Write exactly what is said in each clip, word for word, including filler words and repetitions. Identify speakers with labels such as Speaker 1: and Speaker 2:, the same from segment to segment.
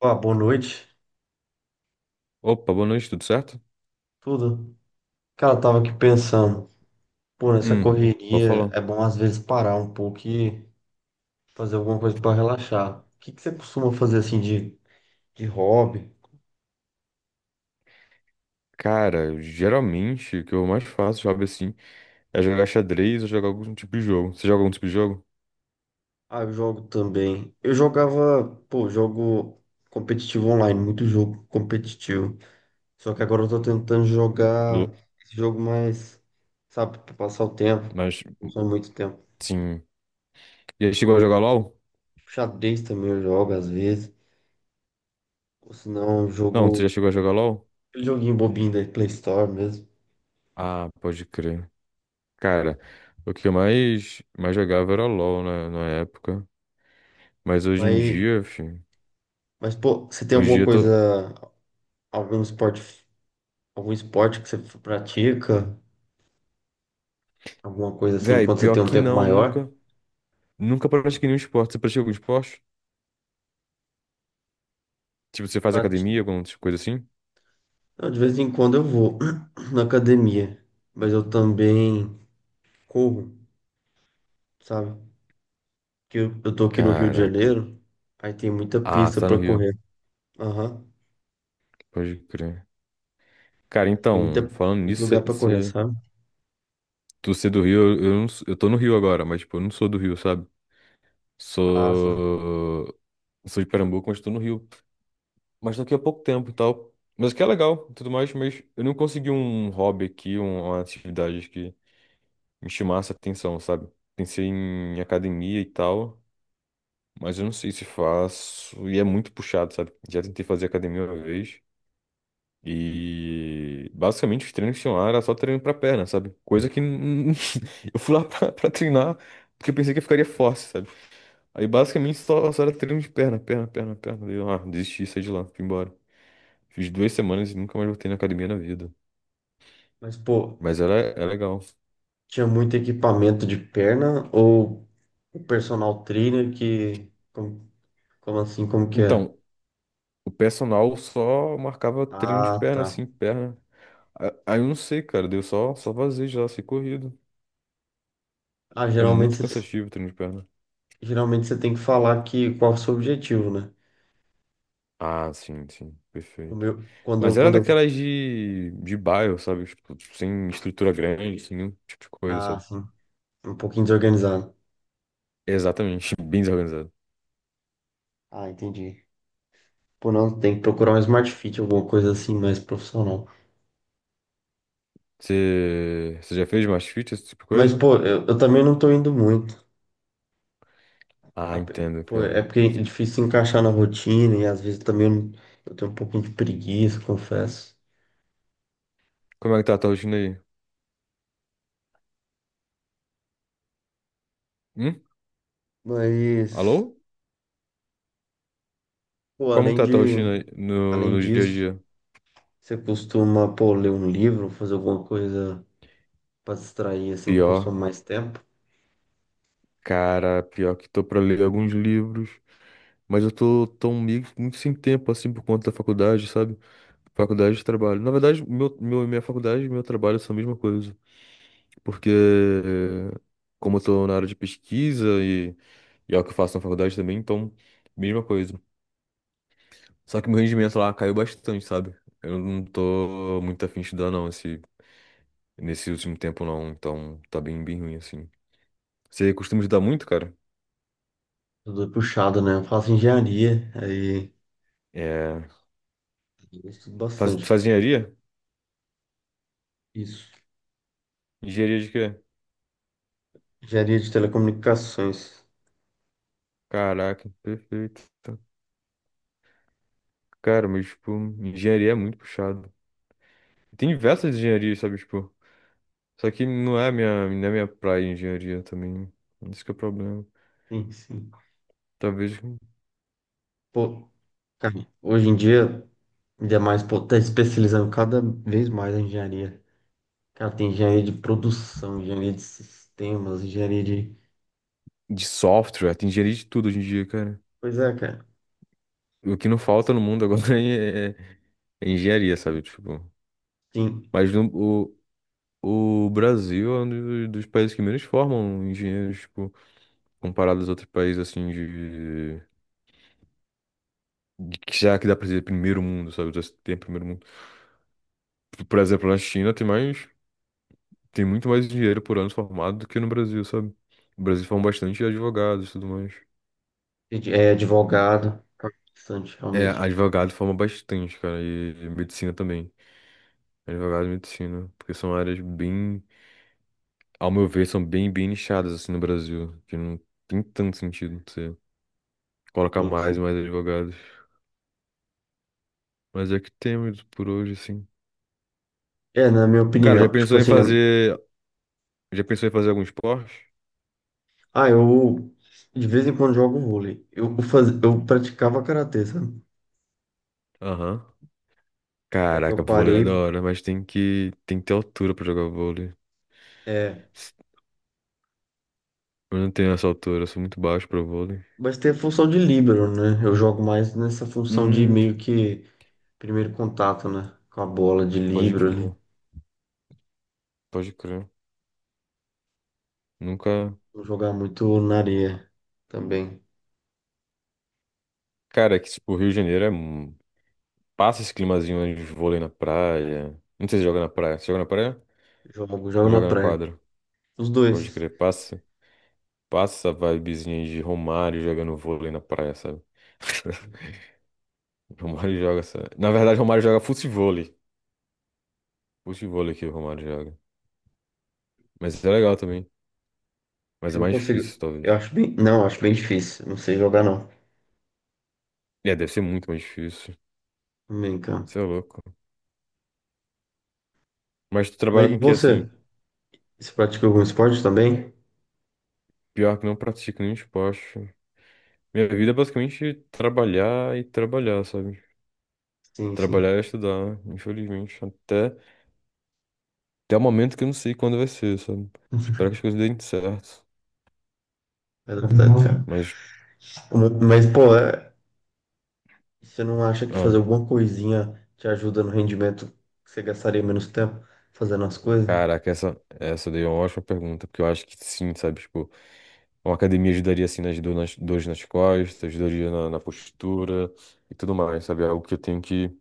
Speaker 1: Ó, boa noite,
Speaker 2: Opa, boa noite, tudo certo?
Speaker 1: tudo? Cara, eu tava aqui pensando, pô, nessa
Speaker 2: Hum, pode
Speaker 1: correria
Speaker 2: falar.
Speaker 1: é bom às vezes parar um pouco e fazer alguma coisa pra relaxar. O que que você costuma fazer assim de, de hobby?
Speaker 2: Cara, geralmente o que eu mais faço, sabe assim, é jogar xadrez ou jogar algum tipo de jogo. Você joga algum tipo de jogo?
Speaker 1: Ah, eu jogo também. Eu jogava, pô, jogo competitivo online, muito jogo competitivo. Só que agora eu tô tentando jogar
Speaker 2: Do-
Speaker 1: esse jogo mais, sabe, pra passar o tempo,
Speaker 2: Mas,
Speaker 1: que não consome muito tempo.
Speaker 2: sim. Já chegou a jogar LOL?
Speaker 1: Xadrez também eu jogo às vezes, ou senão eu
Speaker 2: Não, você
Speaker 1: jogo
Speaker 2: já chegou a jogar LOL?
Speaker 1: aquele joguinho bobinho da Play Store mesmo.
Speaker 2: Ah, pode crer. Cara, o que eu mais, mais jogava era LOL na, na época. Mas hoje em
Speaker 1: Mas,
Speaker 2: dia, filho,
Speaker 1: mas pô, você tem
Speaker 2: hoje em
Speaker 1: alguma
Speaker 2: dia eu tô.
Speaker 1: coisa, algum esporte, algum esporte que você pratica? Alguma coisa assim,
Speaker 2: Véi,
Speaker 1: quando você
Speaker 2: pior
Speaker 1: tem um
Speaker 2: que
Speaker 1: tempo
Speaker 2: não,
Speaker 1: maior?
Speaker 2: nunca. Nunca pratiquei nenhum esporte. Você pratica algum esporte? Tipo, você faz
Speaker 1: Prati-
Speaker 2: academia, alguma coisa assim?
Speaker 1: Eu, de vez em quando eu vou na academia, mas eu também corro, sabe? Porque eu, eu tô aqui no Rio de
Speaker 2: Caraca.
Speaker 1: Janeiro, aí tem muita
Speaker 2: Ah, você
Speaker 1: pista
Speaker 2: tá no
Speaker 1: pra
Speaker 2: Rio.
Speaker 1: correr. Aham.
Speaker 2: Pode crer. Cara,
Speaker 1: Tem muita,
Speaker 2: então, falando
Speaker 1: muito
Speaker 2: nisso,
Speaker 1: lugar
Speaker 2: cê,
Speaker 1: pra correr,
Speaker 2: cê-
Speaker 1: sabe?
Speaker 2: tu ser do Rio, eu, eu, não s- eu tô no Rio agora, mas, tipo, eu não sou do Rio, sabe?
Speaker 1: Ah, sim.
Speaker 2: Sou. Sou de Pernambuco, mas tô no Rio. Mas daqui a pouco tempo e tal. Mas que é legal e tudo mais, mas eu não consegui um hobby aqui, um- uma atividade que me chamasse a atenção, sabe? Pensei em academia e tal, mas eu não sei se faço. E é muito puxado, sabe? Já tentei fazer academia uma vez. E basicamente os treinos que tinham lá era só treino pra perna, sabe? Coisa que n- eu fui lá pra, pra treinar porque eu pensei que eu ficaria forte, sabe? Aí basicamente só, só era treino de perna, perna, perna, perna. Daí eu, ah, desisti, saí de lá, fui embora. Fiz duas semanas e nunca mais voltei na academia na vida.
Speaker 1: Mas, pô,
Speaker 2: Mas era, é legal.
Speaker 1: tinha muito equipamento de perna ou o personal trainer que. como- Como assim? Como que é?
Speaker 2: Então, o personal só marcava treino de
Speaker 1: Ah,
Speaker 2: perna,
Speaker 1: tá.
Speaker 2: assim, perna. A- Aí eu não sei, cara, deu só, só vazio já, sei corrido.
Speaker 1: Ah,
Speaker 2: É
Speaker 1: geralmente
Speaker 2: muito
Speaker 1: você, te-
Speaker 2: cansativo o treino de perna.
Speaker 1: geralmente você tem que falar que qual é o seu objetivo, né?
Speaker 2: Ah, sim, sim,
Speaker 1: O
Speaker 2: perfeito.
Speaker 1: meu, quando eu,
Speaker 2: Mas era
Speaker 1: quando eu,
Speaker 2: daquelas de, de bairro, sabe? Tipo, sem estrutura grande, sem nenhum tipo de coisa,
Speaker 1: ah,
Speaker 2: sabe?
Speaker 1: sim, um pouquinho desorganizado.
Speaker 2: Exatamente, bem desorganizado.
Speaker 1: Ah, entendi. Pô, não, tem que procurar um Smart Fit, alguma coisa assim mais profissional.
Speaker 2: Você você já fez mais fit, esse tipo de
Speaker 1: Mas,
Speaker 2: coisa?
Speaker 1: pô, eu, eu também não tô indo muito.
Speaker 2: Ah,
Speaker 1: A pe-
Speaker 2: entendo,
Speaker 1: Pô, é
Speaker 2: cara.
Speaker 1: porque é difícil encaixar na rotina e às vezes também eu, não- eu tenho um pouquinho de preguiça, confesso.
Speaker 2: Como é que tá a tua rotina aí? Hum?
Speaker 1: Mas,
Speaker 2: Alô?
Speaker 1: pô,
Speaker 2: Como que
Speaker 1: além
Speaker 2: tá a tua
Speaker 1: de,
Speaker 2: rotina aí no,
Speaker 1: Além
Speaker 2: no dia a
Speaker 1: disso,
Speaker 2: dia?
Speaker 1: você costuma, pô, ler um livro, fazer alguma coisa para distrair, assim, que consome
Speaker 2: Pior,
Speaker 1: mais tempo?
Speaker 2: cara, pior que tô pra ler alguns livros, mas eu tô tão meio que muito sem tempo, assim, por conta da faculdade, sabe? Faculdade e trabalho. Na verdade, meu, meu, minha faculdade e meu trabalho são a mesma coisa. Porque, eh, como eu tô na área de pesquisa e, e é o que eu faço na faculdade também, então, mesma coisa. Só que meu rendimento lá caiu bastante, sabe? Eu não tô muito afim de estudar, não, esse, nesse último tempo, não. Então, tá bem, bem ruim, assim. Você costuma estudar muito, cara?
Speaker 1: Tudo é puxado, né? Eu faço engenharia, aí
Speaker 2: É.
Speaker 1: eu estudo
Speaker 2: Faz,
Speaker 1: bastante.
Speaker 2: faz engenharia?
Speaker 1: Isso.
Speaker 2: Engenharia de quê?
Speaker 1: Engenharia de telecomunicações.
Speaker 2: Caraca, perfeito. Cara, mas, tipo, engenharia é muito puxado. Tem diversas engenharias, sabe? Tipo. Só que não é a minha, não é minha praia engenharia também. isso que é o problema.
Speaker 1: Sim, sim.
Speaker 2: Talvez
Speaker 1: Pô, cara, hoje em dia, ainda mais, pô, tá especializando cada vez mais a engenharia. Cara, tem engenharia de produção, engenharia de sistemas, engenharia de...
Speaker 2: de software, tem engenharia de tudo hoje em dia, cara.
Speaker 1: Pois é, cara.
Speaker 2: O que não falta no mundo agora é, é- é engenharia, sabe? Tipo,
Speaker 1: Sim,
Speaker 2: mas no- o, o Brasil é um dos, dos países que menos formam engenheiros, tipo, comparado aos outros países, assim, de, de que já que dá pra dizer primeiro mundo, sabe? Já se Tem primeiro mundo. Por exemplo, na China tem mais, tem muito mais engenheiro por ano formado do que no Brasil, sabe? O Brasil forma bastante advogados e tudo mais.
Speaker 1: é advogado. Tá bastante,
Speaker 2: É,
Speaker 1: realmente.
Speaker 2: advogado forma bastante, cara, e, e medicina também. Advogado e medicina, porque são áreas bem, ao meu ver, são bem, bem nichadas assim no Brasil, que não tem tanto sentido você colocar
Speaker 1: Sim.
Speaker 2: mais e mais advogados. Mas é que temos por hoje, assim.
Speaker 1: É, na minha
Speaker 2: Cara, já
Speaker 1: opinião, tipo
Speaker 2: pensou em
Speaker 1: assim, né?
Speaker 2: fazer, já pensou em fazer algum esporte?
Speaker 1: Ah, eu de vez em quando jogo vôlei. Eu, faz... eu praticava karatê, sabe?
Speaker 2: Aham.
Speaker 1: Só que
Speaker 2: Caraca,
Speaker 1: eu
Speaker 2: vôlei é da
Speaker 1: parei.
Speaker 2: hora, mas tem que, tem que ter altura pra jogar vôlei.
Speaker 1: É...
Speaker 2: S- Eu não tenho essa altura, eu sou muito baixo pra vôlei.
Speaker 1: Mas tem a função de líbero, né? Eu jogo mais nessa função de
Speaker 2: Hum,
Speaker 1: meio que primeiro contato, né? Com a bola de
Speaker 2: pode
Speaker 1: líbero
Speaker 2: crer,
Speaker 1: ali.
Speaker 2: pode crer. Nunca.
Speaker 1: Vou jogar muito na areia também.
Speaker 2: Cara, é que tipo, o Rio de Janeiro é... um- passa esse climazinho de vôlei na praia. Não sei se joga na praia. Você joga na praia?
Speaker 1: Jogo, jogo
Speaker 2: Ou
Speaker 1: na
Speaker 2: joga na
Speaker 1: praia.
Speaker 2: quadra?
Speaker 1: Os
Speaker 2: Pode
Speaker 1: dois.
Speaker 2: crer, passa. Passa a vibezinha aí de Romário jogando vôlei na praia, sabe? Romário joga essa. Na verdade, Romário joga futevôlei. Futevôlei que o Romário joga. Mas é legal também. Mas é
Speaker 1: Eu não
Speaker 2: mais
Speaker 1: consigo.
Speaker 2: difícil, talvez.
Speaker 1: Eu acho bem. Não, eu acho bem difícil. Não sei jogar, não.
Speaker 2: É, deve ser muito mais difícil.
Speaker 1: Bem, cara.
Speaker 2: Você é louco. Mas tu trabalha
Speaker 1: Mas e
Speaker 2: com o que
Speaker 1: você?
Speaker 2: assim?
Speaker 1: Você pratica algum esporte também?
Speaker 2: Pior que não pratico nenhum esporte. Minha vida é basicamente trabalhar e trabalhar, sabe?
Speaker 1: Sim, sim.
Speaker 2: Trabalhar e estudar, infelizmente. Até, até o momento que eu não sei quando vai ser, sabe? Espero que as coisas deem certo.
Speaker 1: É verdade, cara.
Speaker 2: Mas,
Speaker 1: Mas, pô, é. E você não acha que fazer
Speaker 2: ah,
Speaker 1: alguma coisinha te ajuda no rendimento que você gastaria menos tempo fazendo as coisas?
Speaker 2: caraca, essa, essa daí é uma ótima pergunta, porque eu acho que sim, sabe? Tipo, uma academia ajudaria assim nas dor- nas dores nas costas, ajudaria na, na postura e tudo mais, sabe? É algo que eu tenho que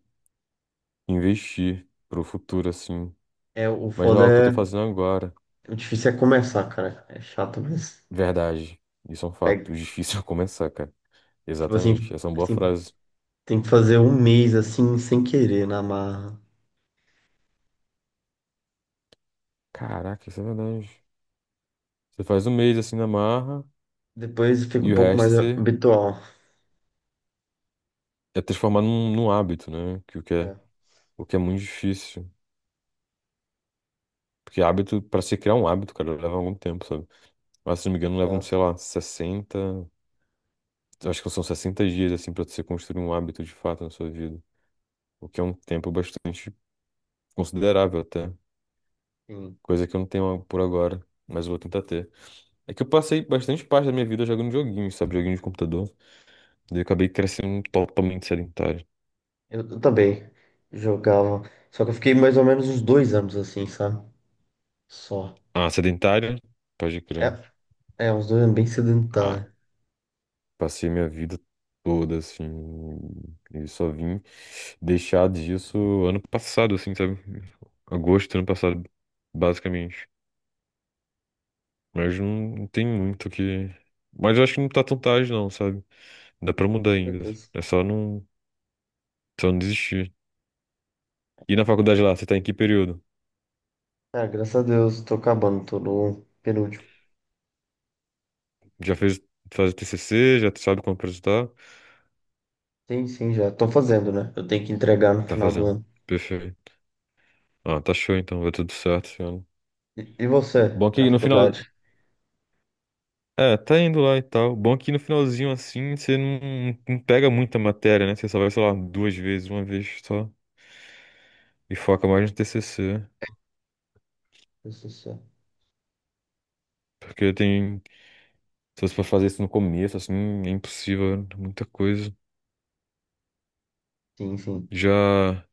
Speaker 2: investir pro futuro, assim.
Speaker 1: É, o
Speaker 2: Mas não é
Speaker 1: foda
Speaker 2: algo que eu tô
Speaker 1: é.
Speaker 2: fazendo agora.
Speaker 1: O difícil é começar, cara. É chato, mas
Speaker 2: Verdade. Isso é um
Speaker 1: pega.
Speaker 2: fato. Difícil é começar, cara.
Speaker 1: Tipo assim,
Speaker 2: Exatamente. Essa é uma boa
Speaker 1: assim,
Speaker 2: frase.
Speaker 1: tem que fazer um mês assim, sem querer, na marra.
Speaker 2: Caraca, isso é verdade. Você faz um mês assim na marra.
Speaker 1: Depois fica um
Speaker 2: E o
Speaker 1: pouco
Speaker 2: resto
Speaker 1: mais
Speaker 2: você
Speaker 1: habitual.
Speaker 2: é transformar num, num hábito, né? Que, o que é,
Speaker 1: É,
Speaker 2: o que é muito difícil. Porque hábito, pra você criar um hábito, cara, leva algum tempo, sabe? Mas se não me engano, levam,
Speaker 1: exato.
Speaker 2: sei lá, sessenta, eu Acho que são sessenta dias, assim, pra você construir um hábito de fato na sua vida. O que é um tempo bastante considerável até.
Speaker 1: Sim.
Speaker 2: Coisa que eu não tenho por agora, mas eu vou tentar ter. É que eu passei bastante parte da minha vida jogando joguinhos, sabe? Joguinhos de computador. Daí eu acabei crescendo totalmente sedentário.
Speaker 1: Eu, eu também jogava. Só que eu fiquei mais ou menos uns dois anos assim, sabe? Só.
Speaker 2: Ah, sedentário? Pode
Speaker 1: É,
Speaker 2: crer.
Speaker 1: é uns dois anos bem
Speaker 2: Ah,
Speaker 1: sedentário.
Speaker 2: passei minha vida toda, assim, e só vim deixar disso ano passado, assim, sabe? Agosto do ano passado, basicamente. Mas não tem muito o que. Mas eu acho que não tá tão tarde, não, sabe? Dá pra mudar
Speaker 1: Meu
Speaker 2: ainda.
Speaker 1: Deus.
Speaker 2: É só não, só não desistir. E na faculdade lá, você tá em que período?
Speaker 1: Cara, graças a Deus, tô acabando, tô no penúltimo.
Speaker 2: Já fez, faz o T C C? Já sabe como apresentar?
Speaker 1: Sim, sim, já tô fazendo, né? Eu tenho que entregar no
Speaker 2: Tá
Speaker 1: final do
Speaker 2: fazendo.
Speaker 1: ano.
Speaker 2: Perfeito. Ah, tá show então, vai tudo certo, esse ano.
Speaker 1: E, e você,
Speaker 2: Bom
Speaker 1: na
Speaker 2: que no
Speaker 1: faculdade?
Speaker 2: final, É, tá indo lá e tal. Bom que no finalzinho assim você não, não pega muita matéria, né? Você só vai, sei lá, duas vezes, uma vez só. E foca mais no T C C.
Speaker 1: T C C.
Speaker 2: Porque tem. Se você for fazer isso no começo, assim, é impossível, né? muita coisa.
Speaker 1: Sim, sim.
Speaker 2: Já.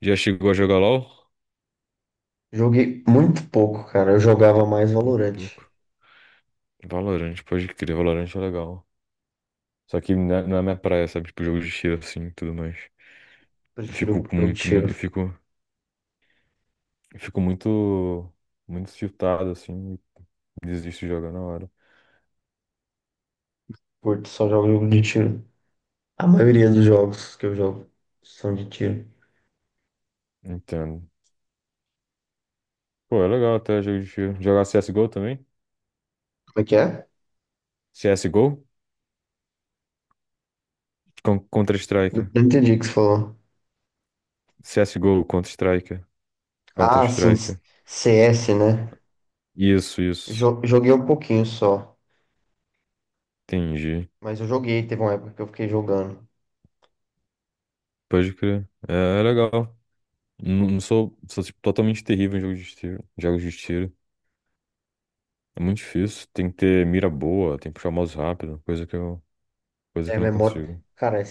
Speaker 2: Já chegou a jogar LOL?
Speaker 1: Joguei muito pouco, cara. Eu jogava mais
Speaker 2: Muito
Speaker 1: Valorant.
Speaker 2: pouco. Valorant, pode crer, Valorant é legal. Só que não é não é minha praia, sabe? Tipo, jogo de tiro assim e tudo mais. Eu
Speaker 1: Prefiro
Speaker 2: fico com
Speaker 1: jogo de
Speaker 2: muito.
Speaker 1: tiro.
Speaker 2: muito, Eu fico, eu fico muito. Muito tiltado assim. e Desisto de jogar na hora.
Speaker 1: Curto só jogo jogo de tiro. A maioria dos jogos que eu jogo são de tiro.
Speaker 2: Entendo. Pô, é legal até jogo de tiro. Jogar C S G O também?
Speaker 1: Como é que é?
Speaker 2: C S G O? Con-
Speaker 1: Não
Speaker 2: Counter-Strike.
Speaker 1: não entendi o que você falou.
Speaker 2: C S G O, Counter-Strike.
Speaker 1: Ah, sim,
Speaker 2: Counter-Strike.
Speaker 1: C S, né?
Speaker 2: Isso, isso.
Speaker 1: Jo- joguei um pouquinho só.
Speaker 2: Entendi.
Speaker 1: Mas eu joguei, teve uma época que eu fiquei jogando.
Speaker 2: Pode crer. É, é legal. Não, não sou, sou tipo, totalmente terrível em jogos de tiro. Jogos de tiro. É muito difícil. Tem que ter mira boa, tem que puxar o mouse rápido, coisa que eu, coisa
Speaker 1: É
Speaker 2: que eu não
Speaker 1: memória.
Speaker 2: consigo.
Speaker 1: Cara, é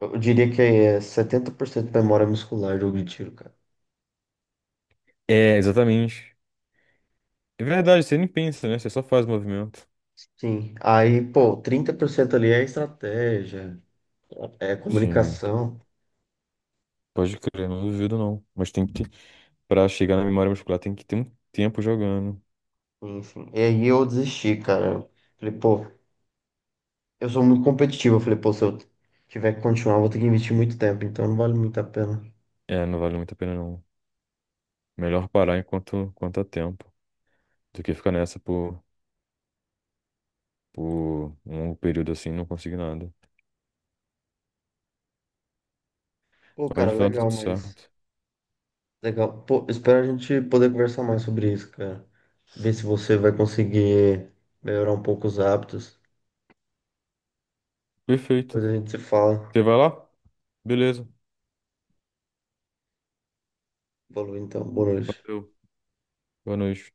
Speaker 1: eu diria que é setenta por cento memória muscular jogo de tiro, cara.
Speaker 2: É, exatamente. É verdade, você nem pensa, né? Você só faz o movimento.
Speaker 1: Sim. Aí, pô, trinta por cento ali é estratégia, é
Speaker 2: Sim,
Speaker 1: comunicação,
Speaker 2: pode crer, não duvido não. Mas tem que Pra chegar na memória muscular tem que ter um tempo jogando.
Speaker 1: enfim. E aí eu desisti, cara. Eu falei, pô, eu sou muito competitivo. Eu falei, pô, se eu tiver que continuar, eu vou ter que investir muito tempo, então não vale muito a pena.
Speaker 2: É, não vale muito a pena não. Melhor parar enquanto, enquanto há tempo do que ficar nessa por, por um longo período assim e não conseguir nada.
Speaker 1: Pô,
Speaker 2: Mas
Speaker 1: cara,
Speaker 2: no final dá
Speaker 1: legal,
Speaker 2: tudo
Speaker 1: mas.
Speaker 2: certo.
Speaker 1: Legal. Pô, espero a gente poder conversar mais sobre isso, cara. Ver se você vai conseguir melhorar um pouco os hábitos. Depois
Speaker 2: Perfeito.
Speaker 1: a gente se fala.
Speaker 2: Você vai lá? Beleza.
Speaker 1: Falou, então, boa noite.
Speaker 2: Valeu. Boa noite.